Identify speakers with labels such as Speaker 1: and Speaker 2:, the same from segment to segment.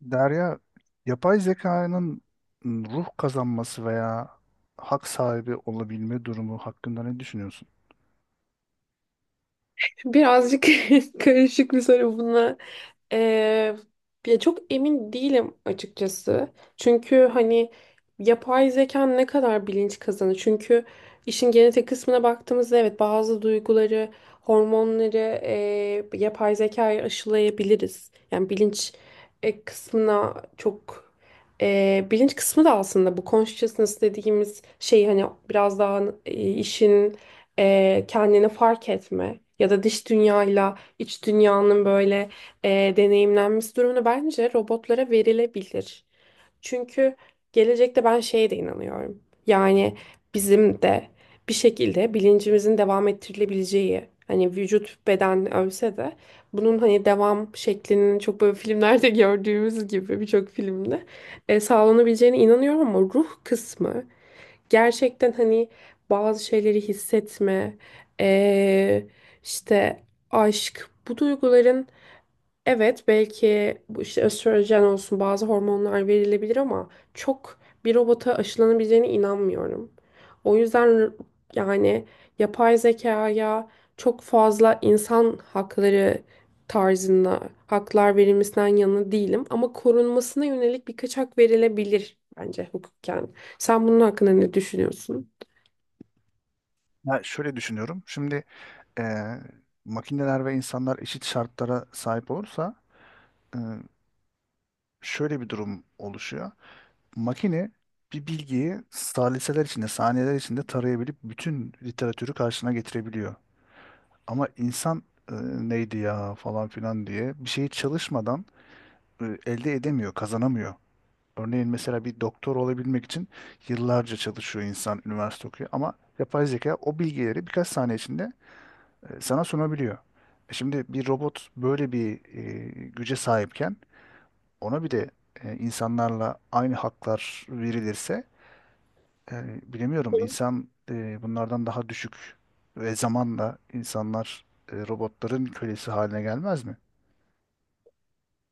Speaker 1: Derya, yapay zekanın ruh kazanması veya hak sahibi olabilme durumu hakkında ne düşünüyorsun?
Speaker 2: Birazcık karışık bir soru buna. Ee, Ya çok emin değilim açıkçası. Çünkü hani yapay zeka ne kadar bilinç kazanır? Çünkü işin genetik kısmına baktığımızda evet bazı duyguları, hormonları yapay zekaya aşılayabiliriz. Yani bilinç e, kısmına çok e, Bilinç kısmı da aslında bu consciousness dediğimiz şey hani biraz daha kendini fark etme ya da dış dünyayla iç dünyanın böyle e, deneyimlenmesi durumunu bence robotlara verilebilir. Çünkü gelecekte ben şeye de inanıyorum. Yani bizim de bir şekilde bilincimizin devam ettirilebileceği hani vücut beden ölse de bunun hani devam şeklinin çok böyle filmlerde gördüğümüz gibi birçok filmde sağlanabileceğine inanıyorum ama ruh kısmı gerçekten hani bazı şeyleri hissetme, eee, işte aşk bu duyguların evet belki bu işte östrojen olsun bazı hormonlar verilebilir ama çok bir robota aşılanabileceğine inanmıyorum. O yüzden yani yapay zekaya çok fazla insan hakları tarzında haklar verilmesinden yana değilim ama korunmasına yönelik birkaç hak verilebilir bence hukuken. Sen bunun hakkında ne düşünüyorsun?
Speaker 1: Ya şöyle düşünüyorum. Şimdi eee, makineler ve insanlar eşit şartlara sahip olursa eee, şöyle bir durum oluşuyor. Makine bir bilgiyi saliseler içinde, saniyeler içinde tarayabilip bütün literatürü karşına getirebiliyor. Ama insan neydi ya falan filan diye bir şeyi çalışmadan elde edemiyor, kazanamıyor. Örneğin mesela bir doktor olabilmek için yıllarca çalışıyor insan, üniversite okuyor ama yapay zeka o bilgileri birkaç saniye içinde sana sunabiliyor. Şimdi bir robot böyle bir güce sahipken ona bir de insanlarla aynı haklar verilirse bilemiyorum, insan bunlardan daha düşük ve zamanla insanlar robotların kölesi haline gelmez mi?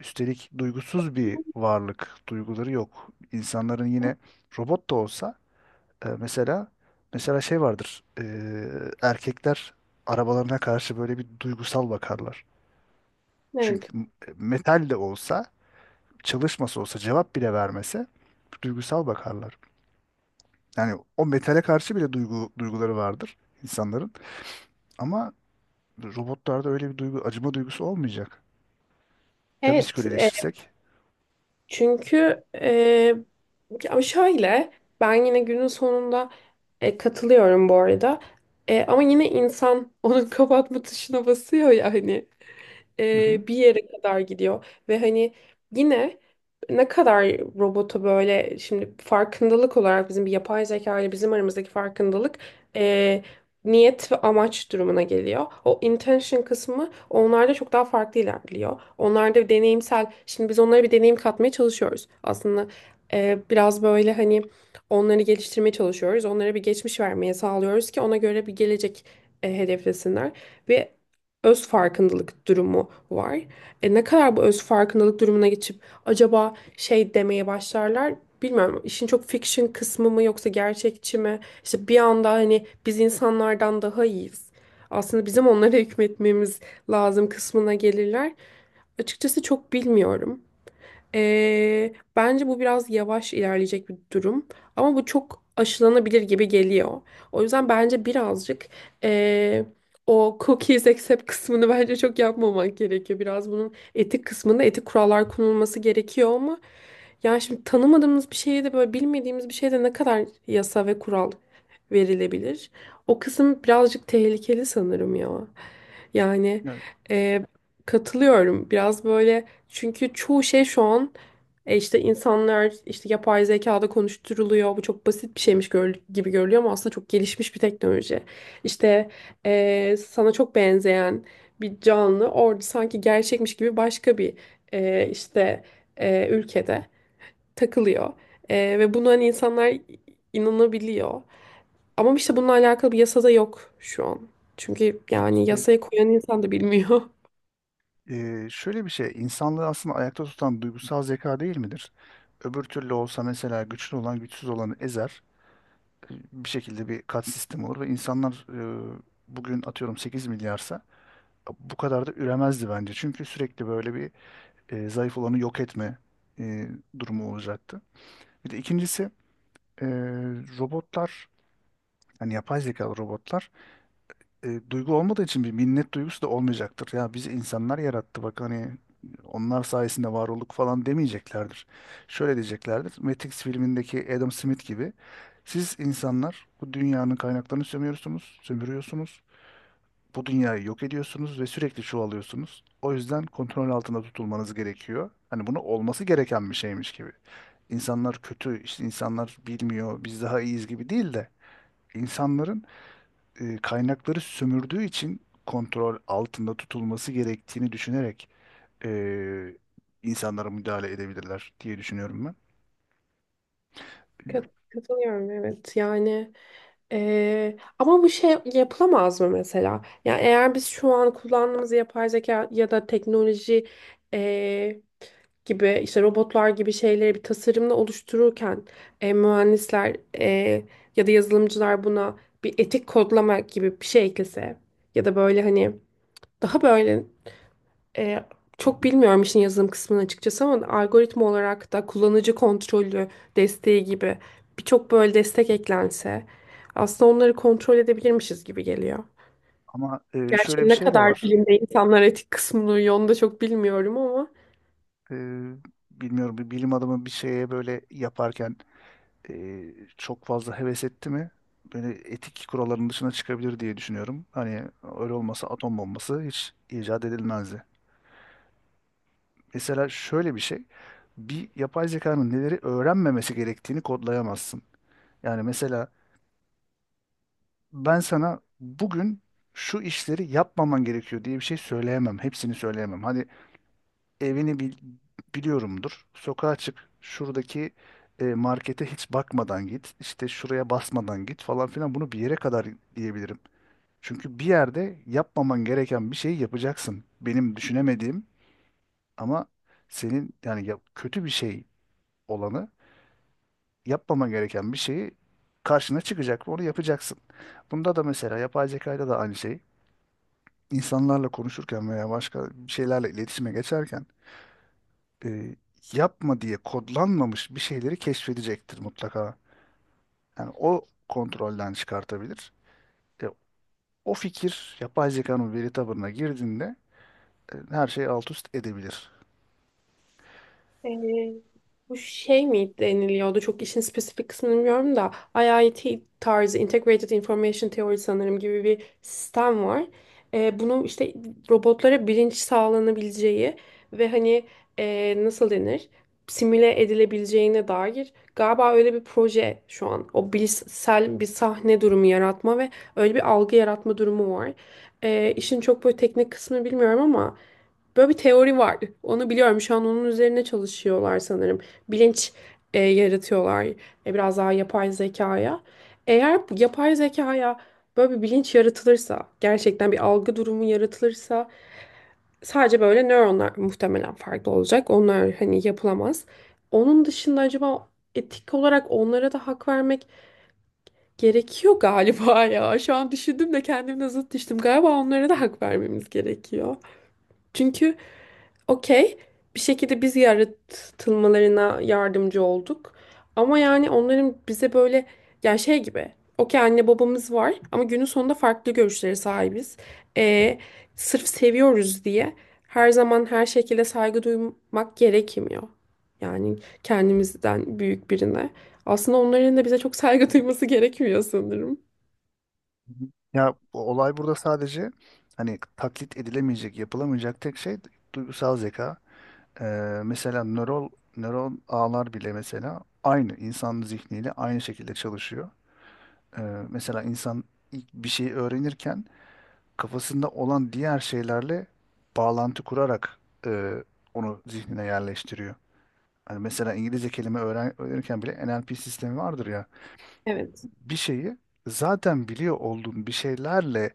Speaker 1: Üstelik duygusuz bir varlık, duyguları yok. İnsanların yine robot da olsa. Mesela şey vardır. Erkekler arabalarına karşı böyle bir duygusal bakarlar.
Speaker 2: Evet.
Speaker 1: Çünkü metal de olsa, çalışması olsa, cevap bile vermese duygusal bakarlar. Yani o metale karşı bile duyguları vardır insanların. Ama robotlarda öyle bir duygu, acıma duygusu olmayacak. Ya biz
Speaker 2: Evet,
Speaker 1: köleleşirsek?
Speaker 2: çünkü e, ama şöyle, ben yine günün sonunda katılıyorum bu arada. E, ama yine insan onun kapatma tuşuna basıyor ya hani,
Speaker 1: Hı hı.
Speaker 2: bir yere kadar gidiyor. Ve hani yine ne kadar robotu böyle şimdi farkındalık olarak bizim bir yapay zeka ile bizim aramızdaki farkındalık e, niyet ve amaç durumuna geliyor. O intention kısmı onlarda çok daha farklı ilerliyor. Onlarda deneyimsel, şimdi biz onlara bir deneyim katmaya çalışıyoruz. Aslında biraz böyle hani onları geliştirmeye çalışıyoruz. Onlara bir geçmiş vermeye sağlıyoruz ki ona göre bir gelecek hedeflesinler. Ve öz farkındalık durumu var. E, ne kadar bu öz farkındalık durumuna geçip acaba şey demeye başlarlar bilmiyorum. İşin çok fiction kısmı mı yoksa gerçekçi mi? İşte bir anda hani biz insanlardan daha iyiyiz. Aslında bizim onlara hükmetmemiz lazım kısmına gelirler. Açıkçası çok bilmiyorum. Bence bu biraz yavaş ilerleyecek bir durum ama bu çok aşılanabilir gibi geliyor. O yüzden bence birazcık ee, o cookies accept kısmını bence çok yapmamak gerekiyor. Biraz bunun etik kısmında etik kurallar konulması gerekiyor ama yani şimdi tanımadığımız bir şeye de böyle bilmediğimiz bir şeye de ne kadar yasa ve kural verilebilir? O kısım birazcık tehlikeli sanırım ya. Yani
Speaker 1: Yani,
Speaker 2: e, katılıyorum. Biraz böyle, çünkü çoğu şey şu an işte insanlar işte yapay zekada konuşturuluyor. Bu çok basit bir şeymiş gibi görülüyor ama aslında çok gelişmiş bir teknoloji. İşte sana çok benzeyen bir canlı orada sanki gerçekmiş gibi başka bir e, işte ülkede takılıyor. E, ve buna hani insanlar inanabiliyor. Ama işte bununla alakalı bir yasada yok şu an. Çünkü
Speaker 1: yani,
Speaker 2: yani
Speaker 1: işte,
Speaker 2: yasaya koyan insan da bilmiyor.
Speaker 1: şöyle bir şey, insanlığı aslında ayakta tutan duygusal zeka değil midir? Öbür türlü olsa mesela güçlü olan güçsüz olanı ezer. Bir şekilde bir kat sistemi olur ve insanlar bugün atıyorum 8 milyarsa bu kadar da üremezdi bence. Çünkü sürekli böyle bir zayıf olanı yok etme e, durumu olacaktı. Bir de ikincisi e, robotlar, yani yapay zekalı robotlar duygu olmadığı için bir minnet duygusu da olmayacaktır. Ya bizi insanlar yarattı, bak hani onlar sayesinde var olduk falan demeyeceklerdir. Şöyle diyeceklerdir. Matrix filmindeki Adam Smith gibi, siz insanlar bu dünyanın kaynaklarını sömürüyorsunuz, sömürüyorsunuz. Bu dünyayı yok ediyorsunuz ve sürekli çoğalıyorsunuz. O yüzden kontrol altında tutulmanız gerekiyor. Hani bunu olması gereken bir şeymiş gibi. İnsanlar kötü, işte insanlar bilmiyor, biz daha iyiyiz gibi değil de insanların kaynakları sömürdüğü için kontrol altında tutulması gerektiğini düşünerek e, insanlara müdahale edebilirler diye düşünüyorum ben.
Speaker 2: Katılıyorum evet yani ama bu şey yapılamaz mı mesela? Yani eğer biz şu an kullandığımız yapay zeka ya da teknoloji eee, gibi işte robotlar gibi şeyleri bir tasarımla oluştururken mühendisler ya da yazılımcılar buna bir etik kodlama gibi bir şey eklese ya da böyle hani daha böyle, E, çok bilmiyorum işin yazılım kısmını açıkçası ama algoritma olarak da kullanıcı kontrolü desteği gibi birçok böyle destek eklense aslında onları kontrol edebilirmişiz gibi geliyor.
Speaker 1: Ama şöyle
Speaker 2: Gerçi
Speaker 1: bir
Speaker 2: ne
Speaker 1: şey de
Speaker 2: kadar
Speaker 1: var.
Speaker 2: bilimde insanlar etik kısmını uyuyor onu da çok bilmiyorum ama.
Speaker 1: E, bilmiyorum, bir bilim adamı bir şeye böyle yaparken e, çok fazla heves etti mi? Böyle etik kuralların dışına çıkabilir diye düşünüyorum. Hani öyle olmasa atom bombası hiç icat edilmezdi. Mesela şöyle bir şey. Bir yapay zekanın neleri öğrenmemesi gerektiğini kodlayamazsın. Yani mesela ben sana bugün şu işleri yapmaman gerekiyor diye bir şey söyleyemem. Hepsini söyleyemem. Hani evini bil- biliyorumdur. Sokağa çık. Şuradaki markete hiç bakmadan git. İşte şuraya basmadan git falan filan. Bunu bir yere kadar diyebilirim. Çünkü bir yerde yapmaman gereken bir şeyi yapacaksın. Benim düşünemediğim ama senin, kötü bir şey olanı, yapmaman gereken bir şeyi karşına çıkacak ve onu yapacaksın. Bunda da mesela yapay zekayla da aynı şey. İnsanlarla konuşurken veya başka bir şeylerle iletişime geçerken e, yapma diye kodlanmamış bir şeyleri keşfedecektir mutlaka. Yani o kontrolden çıkartabilir. E, o fikir yapay zekanın veri tabanına girdiğinde her şeyi alt üst edebilir.
Speaker 2: Ee, Bu şey mi deniliyordu? Çok işin spesifik kısmını bilmiyorum da IIT tarzı Integrated Information Theory sanırım gibi bir sistem var. Bunu işte robotlara bilinç sağlanabileceği ve hani nasıl denir? Simüle edilebileceğine dair galiba öyle bir proje şu an. O bilişsel bir sahne durumu yaratma ve öyle bir algı yaratma durumu var. İşin çok böyle teknik kısmını bilmiyorum ama böyle bir teori var. Onu biliyorum. Şu an onun üzerine çalışıyorlar sanırım. Bilinç yaratıyorlar. E, biraz daha yapay zekaya. Eğer bu yapay zekaya böyle bir bilinç yaratılırsa, gerçekten bir algı durumu yaratılırsa sadece böyle nöronlar muhtemelen farklı olacak. Onlar hani yapılamaz. Onun dışında acaba etik olarak onlara da hak vermek gerekiyor galiba ya. Şu an düşündüm de kendimle zıt düştüm. Galiba onlara da hak vermemiz gerekiyor. Çünkü okey, bir şekilde biz yaratılmalarına yardımcı olduk. Ama yani onların bize böyle, yani şey gibi. Okey, anne babamız var ama günün sonunda farklı görüşlere sahibiz. Ee, Sırf seviyoruz diye her zaman her şekilde saygı duymak gerekmiyor. Yani kendimizden büyük birine. Aslında onların da bize çok saygı duyması gerekmiyor sanırım.
Speaker 1: Hı hı. Ya bu olay burada sadece hani taklit edilemeyecek, yapılamayacak tek şey duygusal zeka. E, Mesela nöron ağlar bile mesela aynı insan zihniyle aynı şekilde çalışıyor. Ee, mesela insan ilk bir şey öğrenirken kafasında olan diğer şeylerle bağlantı kurarak e, onu zihnine yerleştiriyor. Hani mesela İngilizce kelime öğrenirken bile NLP sistemi vardır ya.
Speaker 2: Evet.
Speaker 1: Bir şeyi zaten biliyor olduğun bir şeylerle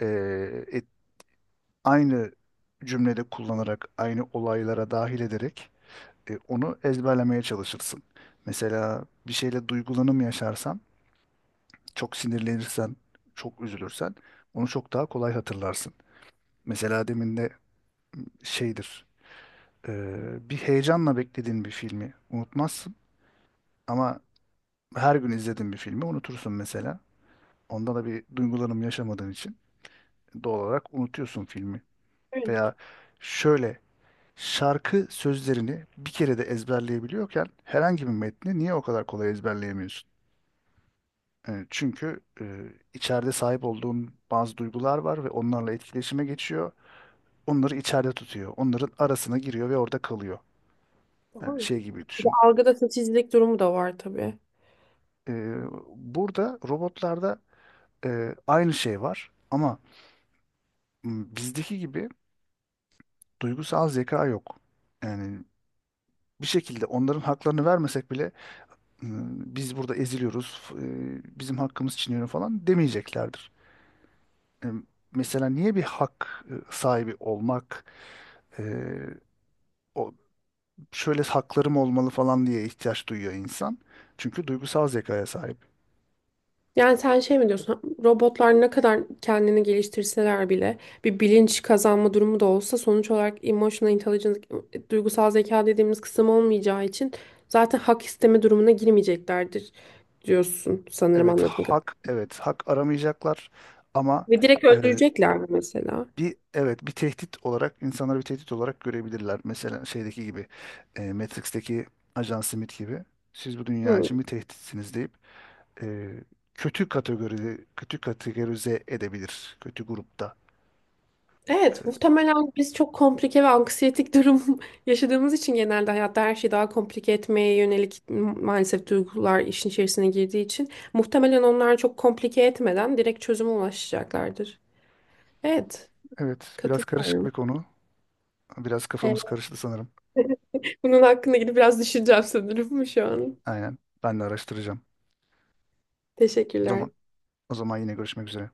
Speaker 1: e, et- aynı cümlede kullanarak, aynı olaylara dahil ederek onu ezberlemeye çalışırsın. Mesela bir şeyle duygulanım yaşarsan, çok sinirlenirsen, çok üzülürsen onu çok daha kolay hatırlarsın. Mesela demin de şeydir, e, bir heyecanla beklediğin bir filmi unutmazsın ama her gün izlediğin bir filmi unutursun mesela. Onda da bir duygulanım yaşamadığın için doğal olarak unutuyorsun filmi.
Speaker 2: Evet.
Speaker 1: Veya şöyle, şarkı sözlerini bir kere de ezberleyebiliyorken herhangi bir metni niye o kadar kolay ezberleyemiyorsun? Çünkü içeride sahip olduğun bazı duygular var ve onlarla etkileşime geçiyor. Onları içeride tutuyor. Onların arasına giriyor ve orada kalıyor. Yani
Speaker 2: Doğru.
Speaker 1: şey gibi
Speaker 2: Bir de
Speaker 1: düşün.
Speaker 2: algıda seçicilik durumu da var tabii.
Speaker 1: Ee, burada robotlarda aynı şey var ama bizdeki gibi duygusal zeka yok. Yani bir şekilde onların haklarını vermesek bile, "Hmm, biz burada eziliyoruz, bizim hakkımız çiğneniyor" falan demeyeceklerdir. E, Mesela niye bir hak sahibi olmak, e, o şöyle haklarım olmalı falan diye ihtiyaç duyuyor insan? Çünkü duygusal zekaya sahip.
Speaker 2: Yani sen şey mi diyorsun? Robotlar ne kadar kendini geliştirseler bile bir bilinç kazanma durumu da olsa sonuç olarak emotional intelligence, duygusal zeka dediğimiz kısım olmayacağı için zaten hak isteme durumuna girmeyeceklerdir diyorsun sanırım
Speaker 1: Evet
Speaker 2: anladığım kadarıyla.
Speaker 1: hak evet hak aramayacaklar ama
Speaker 2: Ve direkt
Speaker 1: e,
Speaker 2: öldürecekler mi mesela?
Speaker 1: bir evet bir tehdit olarak insanları bir tehdit olarak görebilirler. Mesela şeydeki gibi, Matrix'teki Ajan Smith gibi, siz bu dünya
Speaker 2: Hı.
Speaker 1: için bir tehditsiniz deyip e, kötü kategorize edebilir, kötü grupta.
Speaker 2: Evet, muhtemelen biz çok komplike ve anksiyetik durum yaşadığımız için genelde hayatta her şeyi daha komplike etmeye yönelik maalesef duygular işin içerisine girdiği için muhtemelen onlar çok komplike etmeden direkt çözüme ulaşacaklardır. Evet,
Speaker 1: Evet, biraz karışık
Speaker 2: katılıyorum.
Speaker 1: bir konu. Biraz
Speaker 2: Evet,
Speaker 1: kafamız karıştı sanırım.
Speaker 2: bunun hakkında gidip biraz düşüneceğim sanırım şu an.
Speaker 1: Aynen, ben de araştıracağım. O
Speaker 2: Teşekkürler.
Speaker 1: zaman o zaman yine görüşmek üzere.